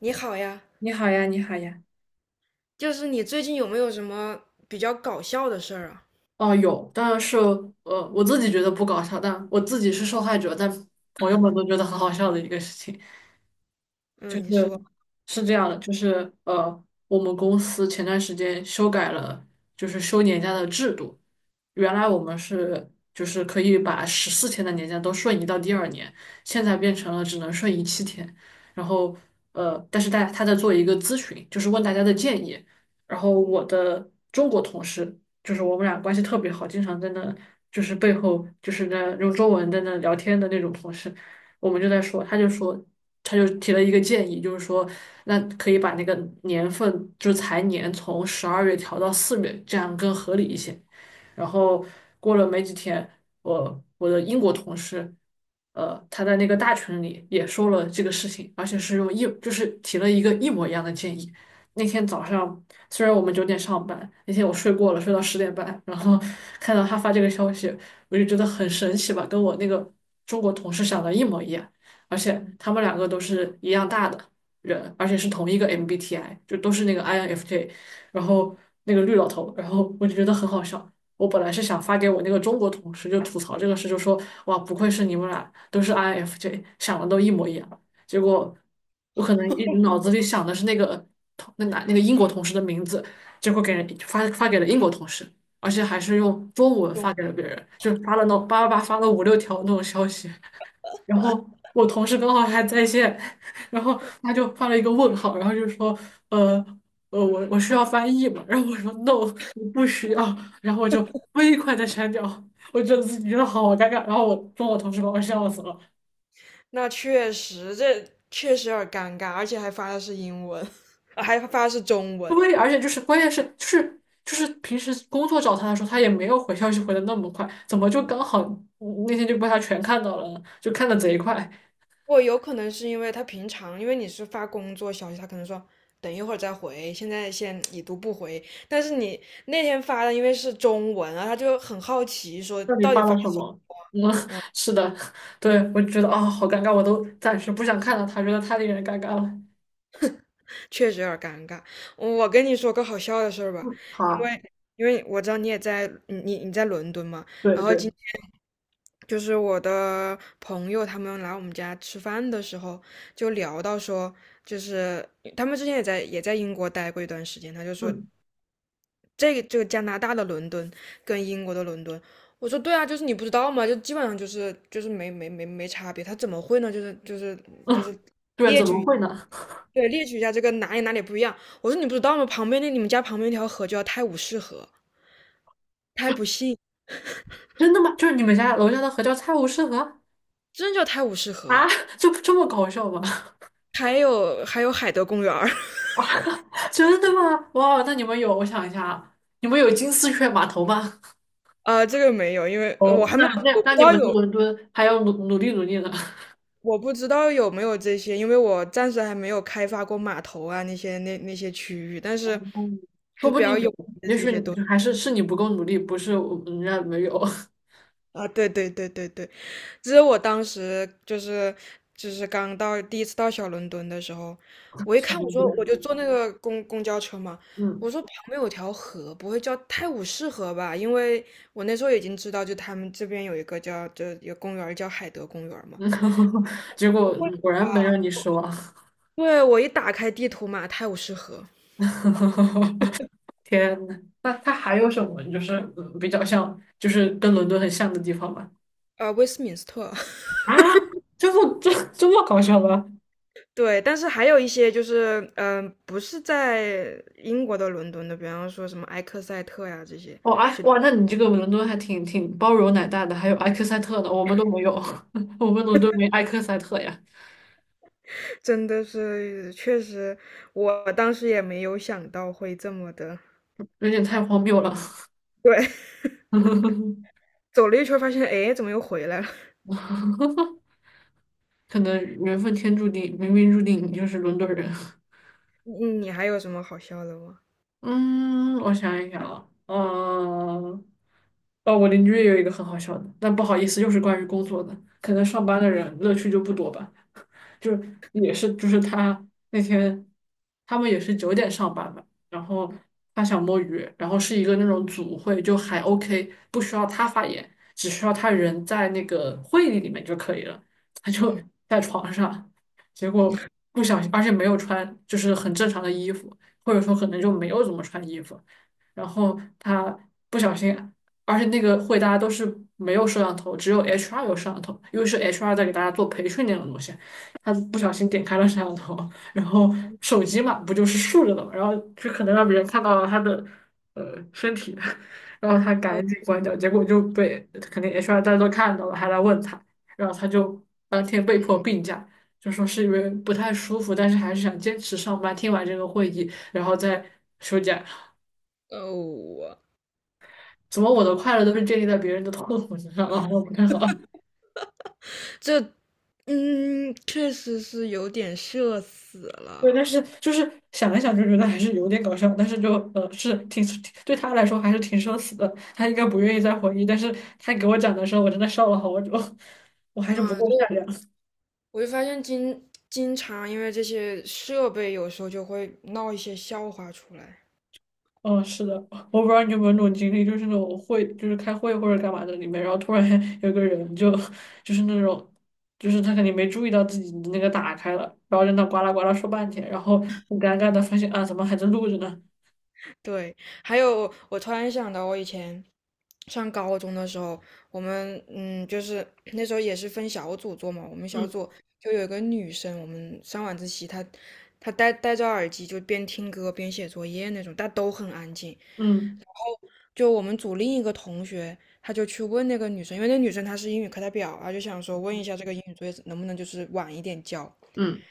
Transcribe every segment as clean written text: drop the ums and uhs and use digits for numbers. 你好呀，你好呀，你好呀。就是你最近有没有什么比较搞笑的事儿啊？哦，有，当然是我自己觉得不搞笑，但我自己是受害者，但朋友们都觉得很好笑的一个事情。就嗯，你是说。是这样的，就是我们公司前段时间修改了，就是休年假的制度。原来我们是就是可以把14天的年假都瞬移到第二年，现在变成了只能瞬移7天。然后但是他在做一个咨询，就是问大家的建议。然后嗯，我的中国同事，就是我们俩关系特别好，经常在那就是背后就是那用中文在那聊天的那种同事。我们就在说，他就说，他就提了一个建议，就是说，那可以把那个年份，就是财年从十二月调到四月，这样更合理一些。然后过了没几天，我的英国同事，他在那个大群里也说了这个事情，而且是就是提了一个一模一样的建议。那天早上。虽然我们九点上班，那天我睡过了，睡到10点半，然后 看到他发这个消息，我就觉得很神奇吧，跟我那个中国同事想的一模一样，而且他们两个都是一样大的人，而且是同一个 MBTI，就都是那个 INFJ，然后那个绿老头，然后我就觉得很好笑。我本来是想发给我那个中国同事，就吐槽这个事，就说哇，不愧是你们俩都是 INFJ，想的都一模一样。结果我可能一直脑子里想的是那个同那男那个英国同事的名字，结果给人发给了英国同事，而且还是用中文发给了别人，就发了那种叭叭叭发了5、6条那种消息，然后我同事刚好还在线，然后他就发了一个问号，然后就说呃。我需要翻译嘛，然后我说 no，你不需要，然后我就飞快的删掉，我觉得自己觉得好尴尬，然后我跟我同事把我笑死了。那确实，这确实有点尴尬，而且还发的是英文，还发的是中文。对，而且就是关键是就是平时工作找他的时候，他也没有回消息回的那么快，怎么就刚好那天就被他全看到了呢就看的贼快，我有可能是因为他平常，因为你是发工作消息，他可能说等一会儿再回，现在先已读不回。但是你那天发的因为是中文啊，他就很好奇说到底到底发发了了什什么？么。嗯，是的，对，我就觉得啊、好尴尬，我都暂时不想看到他，觉得太令人尴尬了。确实有点儿尴尬。我跟你说个好笑的事儿吧，好因啊，为因为我知道你也在，你在伦敦嘛，对然后对，今天就是我的朋友他们来我们家吃饭的时候，就聊到说，就是他们之前也在英国待过一段时间，他就说嗯这个加拿大的伦敦跟英国的伦敦。我说对啊，就是你不知道嘛，就基本上就是就是没差别，他怎么会呢？就是就是就嗯，是对，怎么会呢？对，列举一下这个哪里不一样。我说你不知道吗？旁边那你们家旁边那条河叫泰晤士河，他还不信，真的吗？就是你们家楼下的河叫菜无市河真的叫泰晤士啊？河。就这么搞笑吗？还有还有海德公园儿，真的吗？哇，那你们有，我想一下啊，你们有金丝雀码头吗？啊，这个没有，因为我哦，还没那有，那我不知那你道们去有，伦敦还要努努力努力呢，我不知道有没有这些，因为我暂时还没有开发过码头啊那些那些区域，但 是嗯说就比不定较有有，也许你就还是是你不够努力，不是我人家没有。啊，对对对对对。其实我当时就是就是刚到第一次到小伦敦的时候，我一看我哦说我对就坐那个公交车嘛，我嗯，说旁边有条河，不会叫泰晤士河吧？因为我那时候已经知道，就他们这边有一个叫就有公园儿叫海德公园儿嘛。嗯 结我果会，果然没让你失望。对，我一打开地图嘛，泰晤士河，天呐，那它还有什么就是比较像，就是跟伦敦很像的地方吗？威斯敏斯特，啊，这么这这么搞笑吗？对，但是还有一些就是，不是在英国的伦敦的，比方说什么埃克塞特呀这些，哦，哎，就。哇，那你这个伦敦还挺挺包容奶大的，还有埃克塞特呢，我们都没有，我们伦敦没埃克塞特呀。真的是，确实，我当时也没有想到会这么的。有点太荒谬了。对，走了一圈儿发现，哎，怎么又回来了？可能缘分天注定，冥冥注定你就是伦敦人。你你还有什么好笑的吗？嗯，我想一想啊，嗯，哦，我邻居也有一个很好笑的，但不好意思，又是关于工作的，可能上班的人乐趣就不多吧。就是也是就是他那天他们也是九点上班嘛，然后他想摸鱼，然后是一个那种组会，就还 OK，不需要他发言，只需要他人在那个会议里面就可以了，他就嗯，在床上，结果不小心，而且没有穿就是很正常的衣服，或者说可能就没有怎么穿衣服，然后他不小心。而且那个会大家都是没有摄像头，只有 HR 有摄像头，因为是 HR 在给大家做培训那种东西。他不小心点开了摄像头，然后手机嘛，不就是竖着的嘛，然后就可能让别人看到了他的身体，然后他哦赶紧关掉，结果就被肯定 HR 大家都看到了，还来问他，然后他就当天被迫病假，就说是因为不太舒服，但是还是想坚持上班，听完这个会议，然后再休假。哦，我怎么我的快乐都是建立在别人的痛苦之上啊？我不太好。这，嗯，确实是有点社死对，了。但是就是想一想就觉得还是有点搞笑，但是就是挺对他来说还是挺社死的，他应该不愿意再回忆，但是他给我讲的时候，我真的笑了好久，我还是不啊！够就善良。我就发现经常因为这些设备，有时候就会闹一些笑话出来。嗯，是的，我不知道你有没有那种经历，就是那种会就是开会或者干嘛的里面，然后突然 有个人就就是那种就是他肯定没注意到自己的那个打开了，然后在那呱啦呱啦说半天，然后很尴尬的发现啊怎么还在录着呢？对，还有我突然想到，我以前上高中的时候，我们就是那时候也是分小组做嘛，我们小嗯组就有一个女生，我们上晚自习，她戴着耳机就边听歌边写作业那种，但都很安静。嗯，就我们组另一个同学，他就去问那个女生，因为那女生她是英语课代表啊，就想说问一下这个英语作业能不能就是晚一点交。嗯，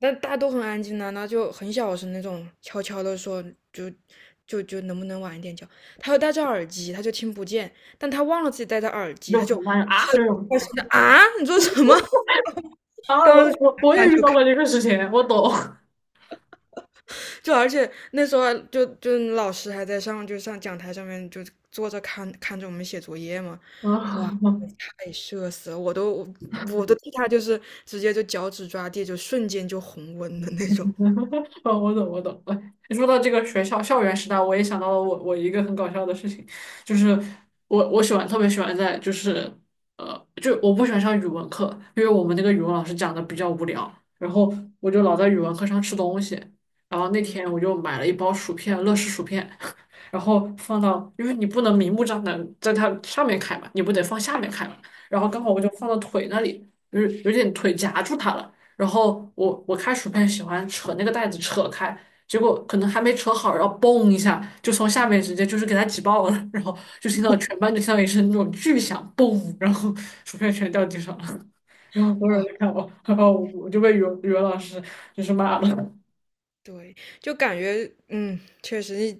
那大家都很安静呢、那就很小声那种，悄悄的说，就就能不能晚一点叫？他又戴着耳机，他就听不见，但他忘了自己戴着耳机，就他很就尴尬啊这种。啊，你说什么？啊，当我时我我也翻遇就到看，过这个事情，我懂。就而且那时候啊就就老师还在上，就上讲台上面就坐着看看着我们写作业嘛，哇，啊，太社死了，我都替他就是直接就脚趾抓地，就瞬间就红温的那种，哦，我懂，我懂。哎，你说到这个学校校园时代，我也想到了我一个很搞笑的事情，就是我特别喜欢在就是就我不喜欢上语文课，因为我们那个语文老师讲的比较无聊，然后我就老在语文课上吃东西。然后那嗯，天我就买了一包薯片，乐事薯片，然后放到，因为你不能明目张胆在它上面开嘛，你不得放下面开嘛。然后刚好我就放到腿那里，就是有点腿夹住它了。然后我开薯片喜欢扯那个袋子扯开，结果可能还没扯好，然后嘣一下就从下面直接就是给它挤爆了，然后就听到全班就听到一声那种巨响，嘣，然后薯片全掉地上了，然后所有哇。人都看我，然后我就被语文老师就是骂了，对，就感觉嗯，确实，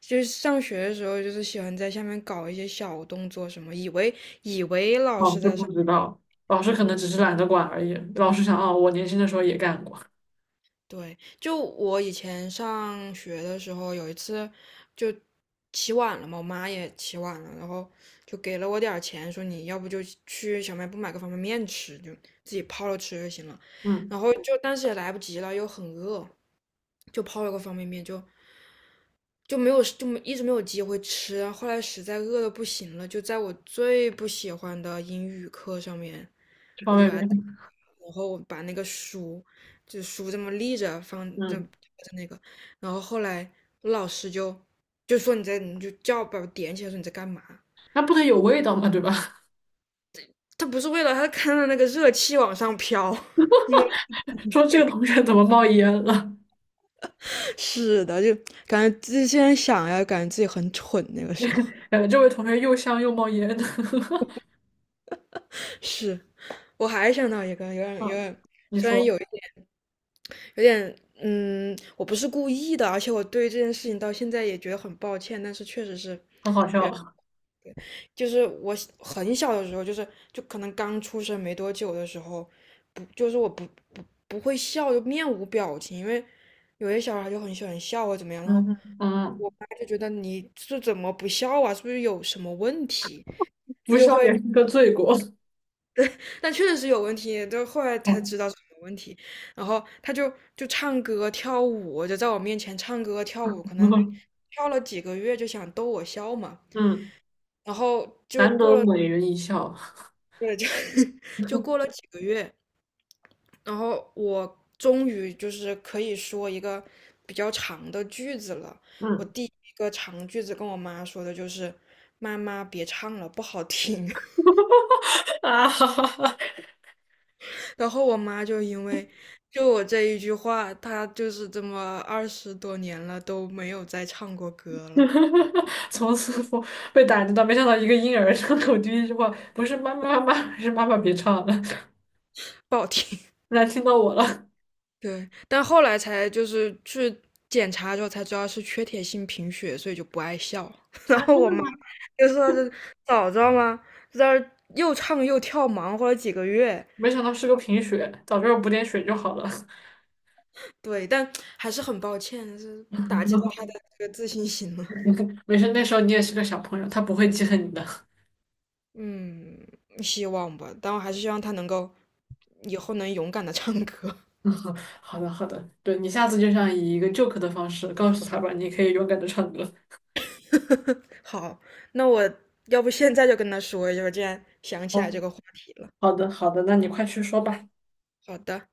就是上学的时候，就是喜欢在下面搞一些小动作什么，以为老老师师在不上知道，老面，师可能嗯，只是懒得管而已，老师想啊，我年轻的时候也干过，对，就我以前上学的时候，有一次就起晚了嘛，我妈也起晚了，然后就给了我点儿钱，说你要不就去小卖部买个方便面吃，就自己泡了吃就行了，嗯，然后就但是也来不及了，又很饿，就泡了个方便面就。就没有就没一直没有机会吃，后来实在饿的不行了，就在我最不喜欢的英语课上面，这方我就面把它，没，然后我把那个书，就书这么立着放在嗯，在那个，然后后来我老师就说你在你就叫把我点起来说你在干嘛？那不得有味道嘛，对吧？他不是为了他看到那个热气往上飘，因为 说这个同学怎么冒烟了？是的，就感觉自己现在想呀，感觉自己很蠢那个时候。感觉这位同学又香又冒烟的。是，我还想到一个有点有嗯点，你虽然说，有。有点，我不是故意的，而且我对这件事情到现在也觉得很抱歉，但是确实是，很好也笑。就是我小很小的时候，就是就可能刚出生没多久的时候，不就是我不会笑，就面无表情，因为有些小孩就很喜欢笑或怎么样，然嗯后哼嗯我妈就觉得你是怎么不笑啊，是不是有什么问题？不就笑会。也是个罪过。但确实是有问题，就后来才哦 知道是有问题。然后他就唱歌跳舞，就在我面前唱歌跳舞，可能 跳了几个月就想逗我笑嘛。嗯，然后就难过得了，美人一笑对，就 就过了几个月，然后我终于就是可以说一个比较长的句子了。我嗯，第一个长句子跟我妈说的就是："妈妈，别唱了，不好听。"啊！哈哈哈，然后我妈就因为就我这一句话，她就是这么20多年了都没有再唱过歌了，从此我被打击到，没想到一个婴儿张口第一句话不是妈妈妈妈，是妈妈别唱了，不好听。来听到我了。对，但后来才就是去检查之后才知道是缺铁性贫血，所以就不爱笑。然啊，后我妈就说是早知道吗？在这儿又唱又跳，忙活了几个月。没想到是个贫血，早知道补点血就好了。对，但还是很抱歉，是打击到她 的这个自信心了。没事，那时候你也是个小朋友，他不会记恨你的。嗯，希望吧，但我还是希望他能够以后能勇敢的唱歌。好的，好的，对你下次就想以一个 joke 的方式告诉他吧，你可以勇敢的唱歌。好，那我要不现在就跟他说一下，我竟然想起来好，这个话题了。好的，好的，那你快去说吧。好的。